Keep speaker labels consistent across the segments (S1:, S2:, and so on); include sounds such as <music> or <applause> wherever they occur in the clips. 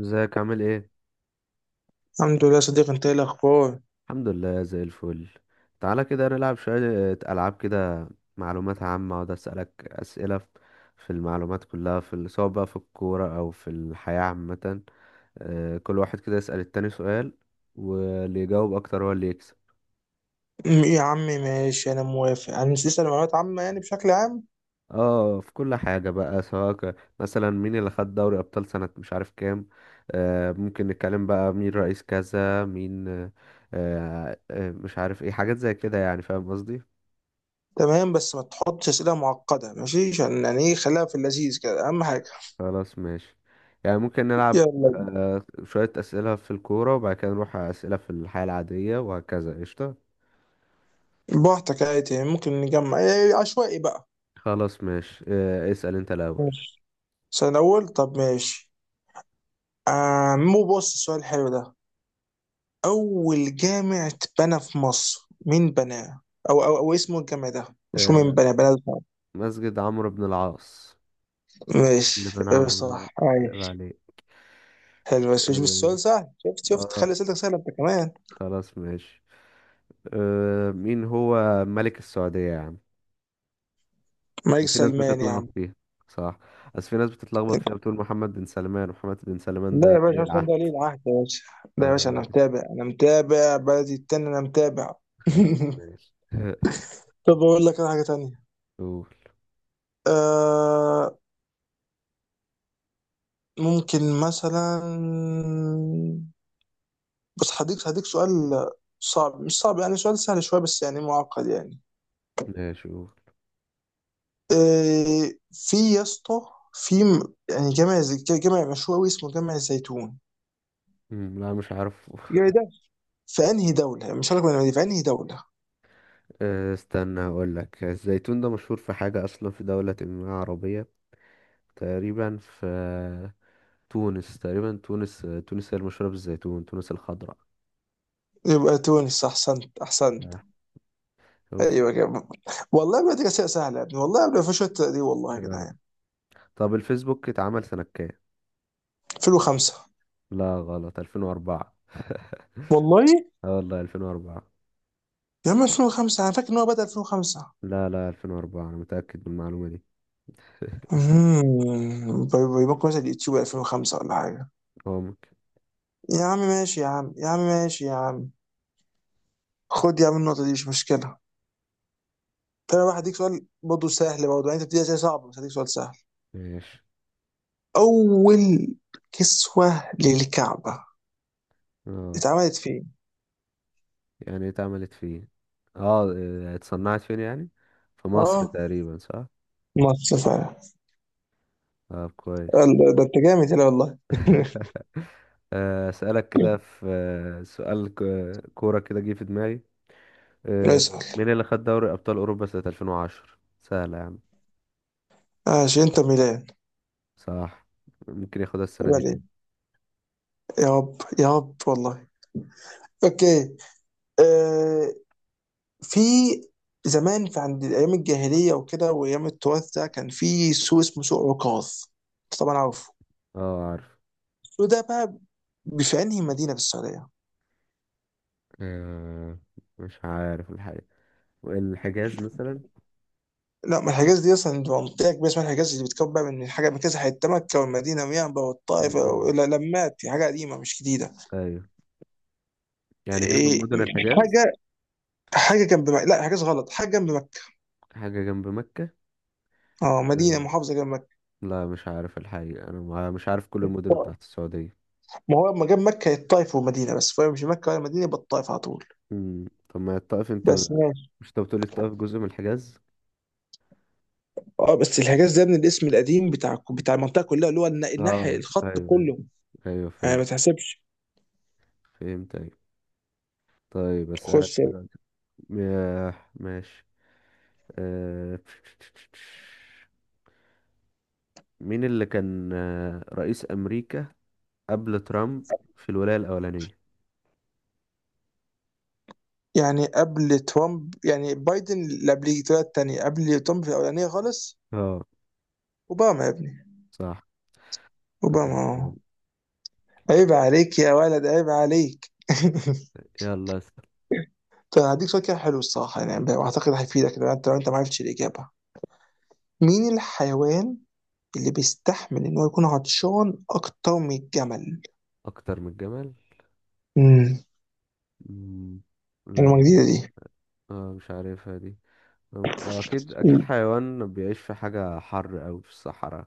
S1: ازيك عامل ايه؟
S2: الحمد لله صديق، انت ايه الاخبار؟
S1: الحمد لله زي الفل. تعالى كده نلعب شوية. ألعاب كده، معلومات عامة. اقعد أسألك أسئلة في المعلومات كلها، سواء بقى في الكورة أو في الحياة عامة. كل واحد كده يسأل التاني سؤال، واللي يجاوب أكتر هو اللي يكسب.
S2: يا عم ماشي، انا موافق. هنسال معلومات عامه يعني بشكل عام.
S1: اه، في كل حاجة بقى، سواء مثلا مين اللي خد دوري أبطال سنة مش عارف كام. ممكن نتكلم بقى مين رئيس كذا، مين. مش عارف ايه، حاجات زي كده، يعني فاهم قصدي.
S2: تمام، بس ما تحطش اسئله معقده، ماشي؟ عشان يعني ايه، خليها في اللذيذ كده، اهم حاجه.
S1: خلاص ماشي، يعني ممكن نلعب.
S2: يلا،
S1: شوية أسئلة في الكورة، وبعد كده نروح على أسئلة في الحياة العادية وهكذا. قشطة،
S2: براحتك عادي، يعني ممكن نجمع ايه عشوائي بقى.
S1: خلاص ماشي. اسأل أنت الأول.
S2: ماشي. السؤال الاول، طب ماشي. آه، مو بص السؤال الحلو ده. اول جامع اتبنى في مصر، مين بناه؟ أو اسمه الجامع ده؟ مش هو مين
S1: آه،
S2: بناه ده.
S1: مسجد عمرو بن العاص.
S2: ماشي،
S1: اللي بنى
S2: اه،
S1: عمرو بن العاص،
S2: صح.
S1: عيب عليك.
S2: حلو بس مش
S1: آه،
S2: بالسؤال سهل. شفت،
S1: آه.
S2: خلي اسئلتك سهله انت كمان.
S1: خلاص ماشي. مين هو ملك السعودية يا عم؟
S2: مايك
S1: في ناس
S2: سلمان يا عم.
S1: بتتلخبط فيها. صح، بس في ناس بتتلخبط فيها، بتقول محمد بن سلمان. محمد بن سلمان
S2: لا يا
S1: ده
S2: باشا،
S1: ولي
S2: عشان
S1: العهد.
S2: ده ولي العهد يا باشا. لا يا باشا،
S1: آه،
S2: انا متابع، انا متابع بلدي التاني، انا متابع.
S1: خلاص
S2: <laughs>
S1: ماشي.
S2: طب اقول لك انا حاجه تانية.
S1: قول.
S2: آه، ممكن مثلا. بس هديك سؤال صعب، مش صعب يعني، سؤال سهل شويه بس يعني معقد يعني.
S1: ماشي قول.
S2: آه في يا اسطى. في يعني جامع جامع مشهور قوي اسمه جامع الزيتون.
S1: مم، لا مش عارف. <laughs>
S2: الجامع ده في انهي دولة؟ مش هقول لك بني آدمين، في انهي دولة.
S1: استنى هقول لك، الزيتون ده مشهور في حاجة أصلا، في دولة ما عربية. تقريبا في تونس، تقريبا. تونس هي المشهورة بالزيتون، تونس الخضراء.
S2: يبقى تونس، احسنت احسنت.
S1: آه، شفت.
S2: ايوه كده. والله بدري اسئله سهله يا ابني، والله قبل في شويه دي، والله يا
S1: آه.
S2: جدعان.
S1: طب الفيسبوك اتعمل سنة كام؟
S2: 2005
S1: لا، غلط، 2004. <laughs>
S2: والله.
S1: اه، والله 2004.
S2: يا عم 2005، انا فاكر ان هو بدأ 2005.
S1: لا، لا، 2004 أنا متأكد من المعلومة دي.
S2: امم، يبقى مثلا اليوتيوب 2005 ولا حاجه؟
S1: هو ممكن.
S2: يا عم ماشي يا عم، يا عم ماشي يا عم. خد يا عم النقطه دي، مش مشكله. طب انا بقى هديك سؤال برضه سهل، برضه يعني انت بتديها زي صعب، بس هديك سؤال سهل.
S1: ماشي.
S2: اول كسوه للكعبه
S1: اه،
S2: اتعملت فين؟
S1: يعني اتعملت فين؟ اه، اه، اتصنعت فين يعني؟ في مصر
S2: اه،
S1: تقريبا، صح؟
S2: ماتش فعلا.
S1: طب كويس.
S2: قال ده انت جامد هنا والله.
S1: اسالك كده. في آه، سؤال كوره كده جه في دماغي.
S2: <laughs>
S1: مين
S2: اسأل.
S1: اللي خد دوري ابطال اوروبا سنه 2010؟ سهله يا عم.
S2: عشان انت ميلان،
S1: صح، ممكن ياخدها السنه
S2: يبقى
S1: دي تاني.
S2: ليه؟ يا رب يا رب والله. اوكي. آه، في زمان، في عند ايام الجاهليه وكده وايام التراث ده، كان في سوق اسمه سوق عكاظ. أنت طبعا عارفه.
S1: اه عارف.
S2: السوق ده بقى في انهي مدينه في السعوديه؟
S1: آه، مش عارف الحقيقه. الحجاز مثلا.
S2: لا، ما الحجاز دي اصلا دي منطقه كبيره اسمها الحجاز، اللي بتكون بقى من حاجه من كذا حته، مكه والمدينه وينبع والطائف.
S1: مم.
S2: لا لمات حاجه قديمه مش جديده.
S1: ايوه، يعني هي من
S2: إيه،
S1: مدن الحجاز.
S2: حاجه، حاجه جنب مكه، لا حاجه غلط، حاجه جنب مكه.
S1: حاجه جنب مكه.
S2: اه،
S1: آه،
S2: مدينه محافظه جنب مكه.
S1: لا مش عارف الحقيقه، انا مش عارف كل المدن
S2: آه،
S1: بتاعت السعوديه.
S2: ما هو لما جاب مكه هي الطائف ومدينه بس، فهي مش مكه ولا مدينه، يبقى الطائف على طول.
S1: مم. طب ما الطائف انت،
S2: بس ماشي.
S1: مش انت بتقولي الطائف جزء من الحجاز؟
S2: اه، بس الحجاز ده من الاسم القديم بتاع المنطقه كلها اللي هو الناحيه،
S1: اه
S2: الخط
S1: ايوه، ايوه.
S2: كله.
S1: ايوه
S2: يعني ما
S1: فهمت.
S2: تحسبش.
S1: فهمت، ايوه. طيب اسالك
S2: خش.
S1: دلوقتي. ياه، ماشي. آه... مين اللي كان رئيس امريكا قبل ترامب في الولايه الاولانيه؟
S2: يعني قبل ترامب يعني بايدن، اللي قبل طلع التانية. قبل ترامب في الاولانيه خالص،
S1: اه،
S2: اوباما يا ابني.
S1: صح. زي
S2: اوباما،
S1: الفل.
S2: اه. عيب عليك يا ولد، عيب عليك. <laughs>
S1: يلا اسال.
S2: طب هديك سؤال كده حلو الصراحه، يعني واعتقد هيفيدك لو انت، لو انت ما عرفتش الاجابه. مين الحيوان اللي بيستحمل ان هو يكون عطشان اكتر من الجمل؟
S1: اكتر من الجمل.
S2: امم.
S1: مم،
S2: المعلومه
S1: لا.
S2: جديده دي.
S1: مش عارفها دي. ممكن، اكيد اكيد
S2: مم.
S1: حيوان بيعيش في حاجه حر او في الصحراء.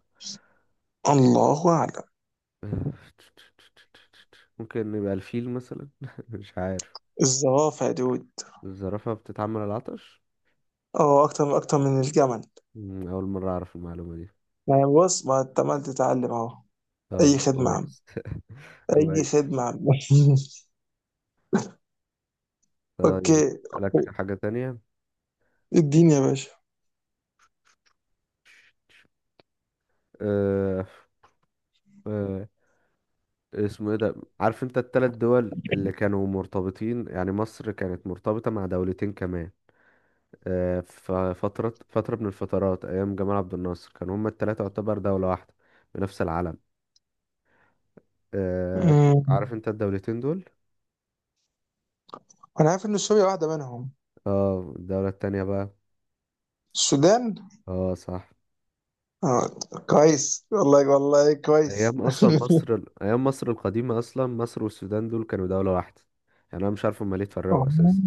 S2: الله اعلم.
S1: <laughs> آه، ممكن يبقى الفيل مثلا، <laughs> مش عارف.
S2: الزرافه يا دود.
S1: الزرافة بتتعمل على العطش؟
S2: اه، اكتر من الجمل.
S1: مم، أول مرة أعرف المعلومة دي.
S2: يعني بص ما انت عمال تتعلم اهو. اي
S1: طب
S2: خدمه يا عم.
S1: كويس. <laughs>
S2: اي
S1: كويس.
S2: خدمه يا عم. <laughs>
S1: طيب
S2: اوكي.
S1: أسألك حاجة تانية.
S2: اديني يا باشا.
S1: أه أه اسمه ايه ده، عارف انت التلات دول اللي كانوا مرتبطين؟ يعني مصر كانت مرتبطة مع دولتين كمان. أه، ففترة فترة فترة من الفترات، أيام جمال عبد الناصر، كانوا هما التلاتة يعتبر دولة واحدة بنفس العلم.
S2: مم.
S1: عارف انت الدولتين دول؟
S2: انا عارف ان سوريا واحده منهم.
S1: اه، الدولة التانية بقى.
S2: السودان.
S1: اه، صح.
S2: اه، كويس والله والله كويس.
S1: ايام اصلا مصر
S2: <laughs>
S1: ايام مصر القديمه، اصلا مصر والسودان دول كانوا دوله واحده، يعني انا مش عارف هما ليه
S2: آه،
S1: اتفرقوا اساسا.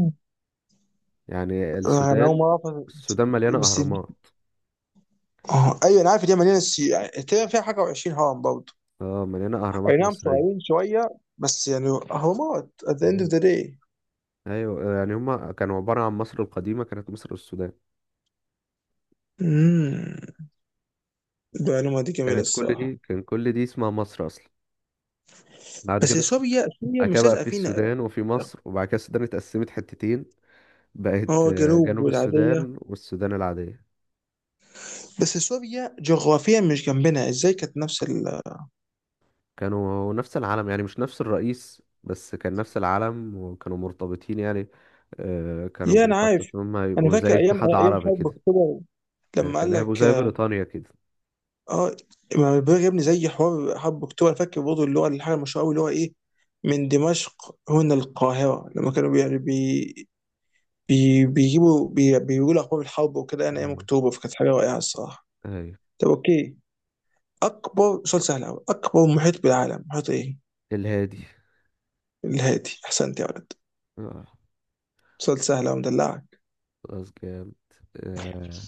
S1: يعني
S2: انا اول
S1: السودان،
S2: مره أعرف،
S1: السودان مليانه
S2: بس.
S1: اهرامات.
S2: اه ايوه انا عارف دي مليانه سي، يعني تقريبا فيها حاجه و20 هرم برضه.
S1: اه مليانه
S2: اي
S1: اهرامات
S2: نعم،
S1: مصريه.
S2: صغيرين شويه بس يعني هرمات at the end of
S1: ايوه،
S2: the day.
S1: ايوه، يعني هما كانوا عباره عن مصر القديمه، كانت مصر والسودان.
S2: امم. المعلومه دي جميله
S1: كانت كل
S2: الصراحه.
S1: دي، كان كل دي اسمها مصر اصلا. بعد
S2: بس
S1: كده،
S2: سوريا، سوريا
S1: بعد كده
S2: مش
S1: بقى
S2: لازقه
S1: في
S2: فينا.
S1: السودان وفي مصر، وبعد كده السودان اتقسمت حتتين، بقت
S2: اه، جنوب
S1: جنوب
S2: والعاديه.
S1: السودان والسودان العاديه.
S2: بس سوريا جغرافيا مش جنبنا، ازاي كانت نفس ال-.
S1: كانوا نفس العلم، يعني مش نفس الرئيس، بس كان نفس العلم وكانوا مرتبطين يعني. كانوا
S2: يا انا
S1: بيخططوا
S2: عارف.
S1: إن هم
S2: انا
S1: يبقوا زي
S2: فاكر ايام
S1: اتحاد عربي
S2: حرب
S1: كده،
S2: اكتوبر
S1: يعني
S2: لما قال
S1: كانوا هيبقوا
S2: لك.
S1: زي بريطانيا كده.
S2: اه ما البلاغ يا ابني زي حوار حرب اكتوبر، أنا فاكر برضه اللي هو الحاجه المشهوره قوي اللي هو ايه. من دمشق هنا القاهره، لما كانوا بي يعني بي بي بيجيبوا، بيقولوا اخبار الحرب وكده، انا ايام
S1: مم.
S2: اكتوبر، فكانت حاجه رائعه الصراحه.
S1: أيوة.
S2: طب اوكي. اكبر سؤال سهل قوي، اكبر محيط بالعالم محيط ايه؟
S1: الهادي.
S2: الهادي، احسنت يا ولد.
S1: اه،
S2: سؤال سهل قوي، مدلعك.
S1: خلاص جامد. آه،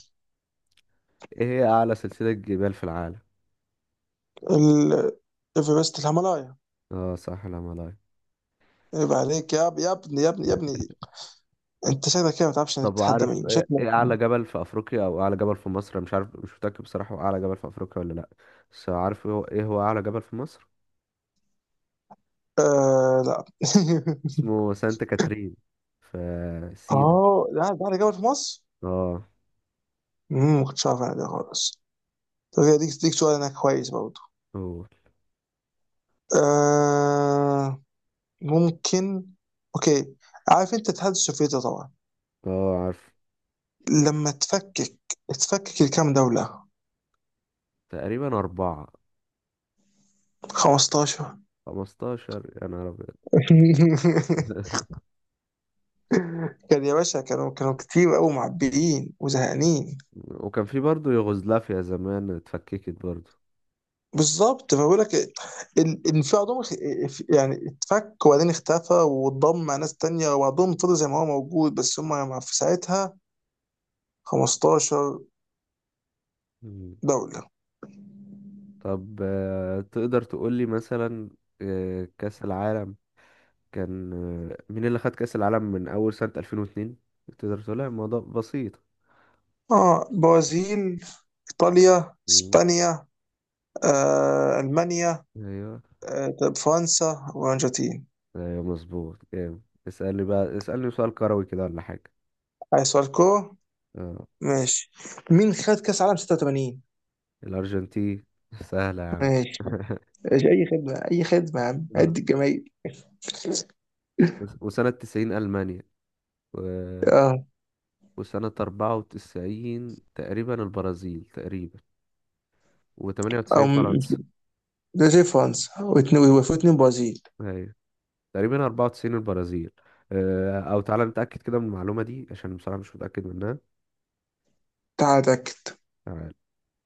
S1: ايه هي أعلى سلسلة جبال في العالم؟
S2: ال- ايفرست الهيمالايا.
S1: اه صح، الهيمالايا.
S2: عيب عليك يا ابني، يا ابني، يا ابني. انت شكلك كده ما تعرفش
S1: طب
S2: تتحدى
S1: عارف
S2: مين،
S1: ايه،
S2: شكلك.
S1: إيه أعلى جبل في أفريقيا أو أعلى جبل في مصر؟ أنا مش عارف، مش متأكد بصراحة هو أعلى جبل في أفريقيا ولا لأ، بس عارف إيه هو، أعلى جبل في مصر؟
S2: آه لا. <laughs>
S1: اسمه سانتا كاترين، في سينا.
S2: اه لا، ده على جبل في مصر.
S1: اه،
S2: امم، ما كنتش عارف انا ده خالص. طب ديك سؤال انا كويس برضه.
S1: هو.
S2: آه، ممكن. اوكي. عارف انت الاتحاد السوفيتي طبعا.
S1: اه، عارف.
S2: لما تفكك، لكام دولة؟
S1: تقريبا أربعة.
S2: 15.
S1: 15؟ يا نهار أبيض.
S2: <laughs>
S1: <laughs>
S2: كان يا باشا، كانوا كتير قوي معبيين وزهقانين.
S1: وكان في برضه يوغوسلافيا زمان، اتفككت برضه.
S2: بالظبط، فبقول لك الانفعال عندهم يعني اتفك وبعدين اختفى واتضم مع ناس تانية، وبعضهم فضل زي ما هو موجود، بس هم في ساعتها 15
S1: مم.
S2: دولة.
S1: طب تقدر تقولي مثلا كأس العالم كان، مين اللي خد كأس العالم من أول سنة 2002؟ تقدر تقولها، الموضوع بسيط.
S2: اه، برازيل، ايطاليا،
S1: مم.
S2: اسبانيا، آه، المانيا،
S1: ايوه.
S2: آه، طب فرنسا والارجنتين.
S1: ايوه، مظبوط، جامد. اسألني بقى، اسألني سؤال كروي كده ولا حاجة.
S2: عايز سؤال كورة،
S1: اه.
S2: ماشي. مين خد كاس عالم 86؟
S1: الأرجنتين. <laughs> سهلة يا عم.
S2: ماشي.
S1: <laughs>
S2: ماشي، اي خدمة اي خدمة يا عم،
S1: اه.
S2: عد الجماهير.
S1: وسنة 1990 ألمانيا، و...
S2: اه.
S1: وسنة 1994 تقريبا البرازيل، تقريبا. وتمانية
S2: او
S1: وتسعين فرنسا.
S2: ده زي فرنسا واثنين وفوا اتنين برازيل.
S1: أيوة. تقريبا 1994 البرازيل. أو تعالى نتأكد كده من المعلومة دي عشان بصراحة مش متأكد منها.
S2: تعال اتاكد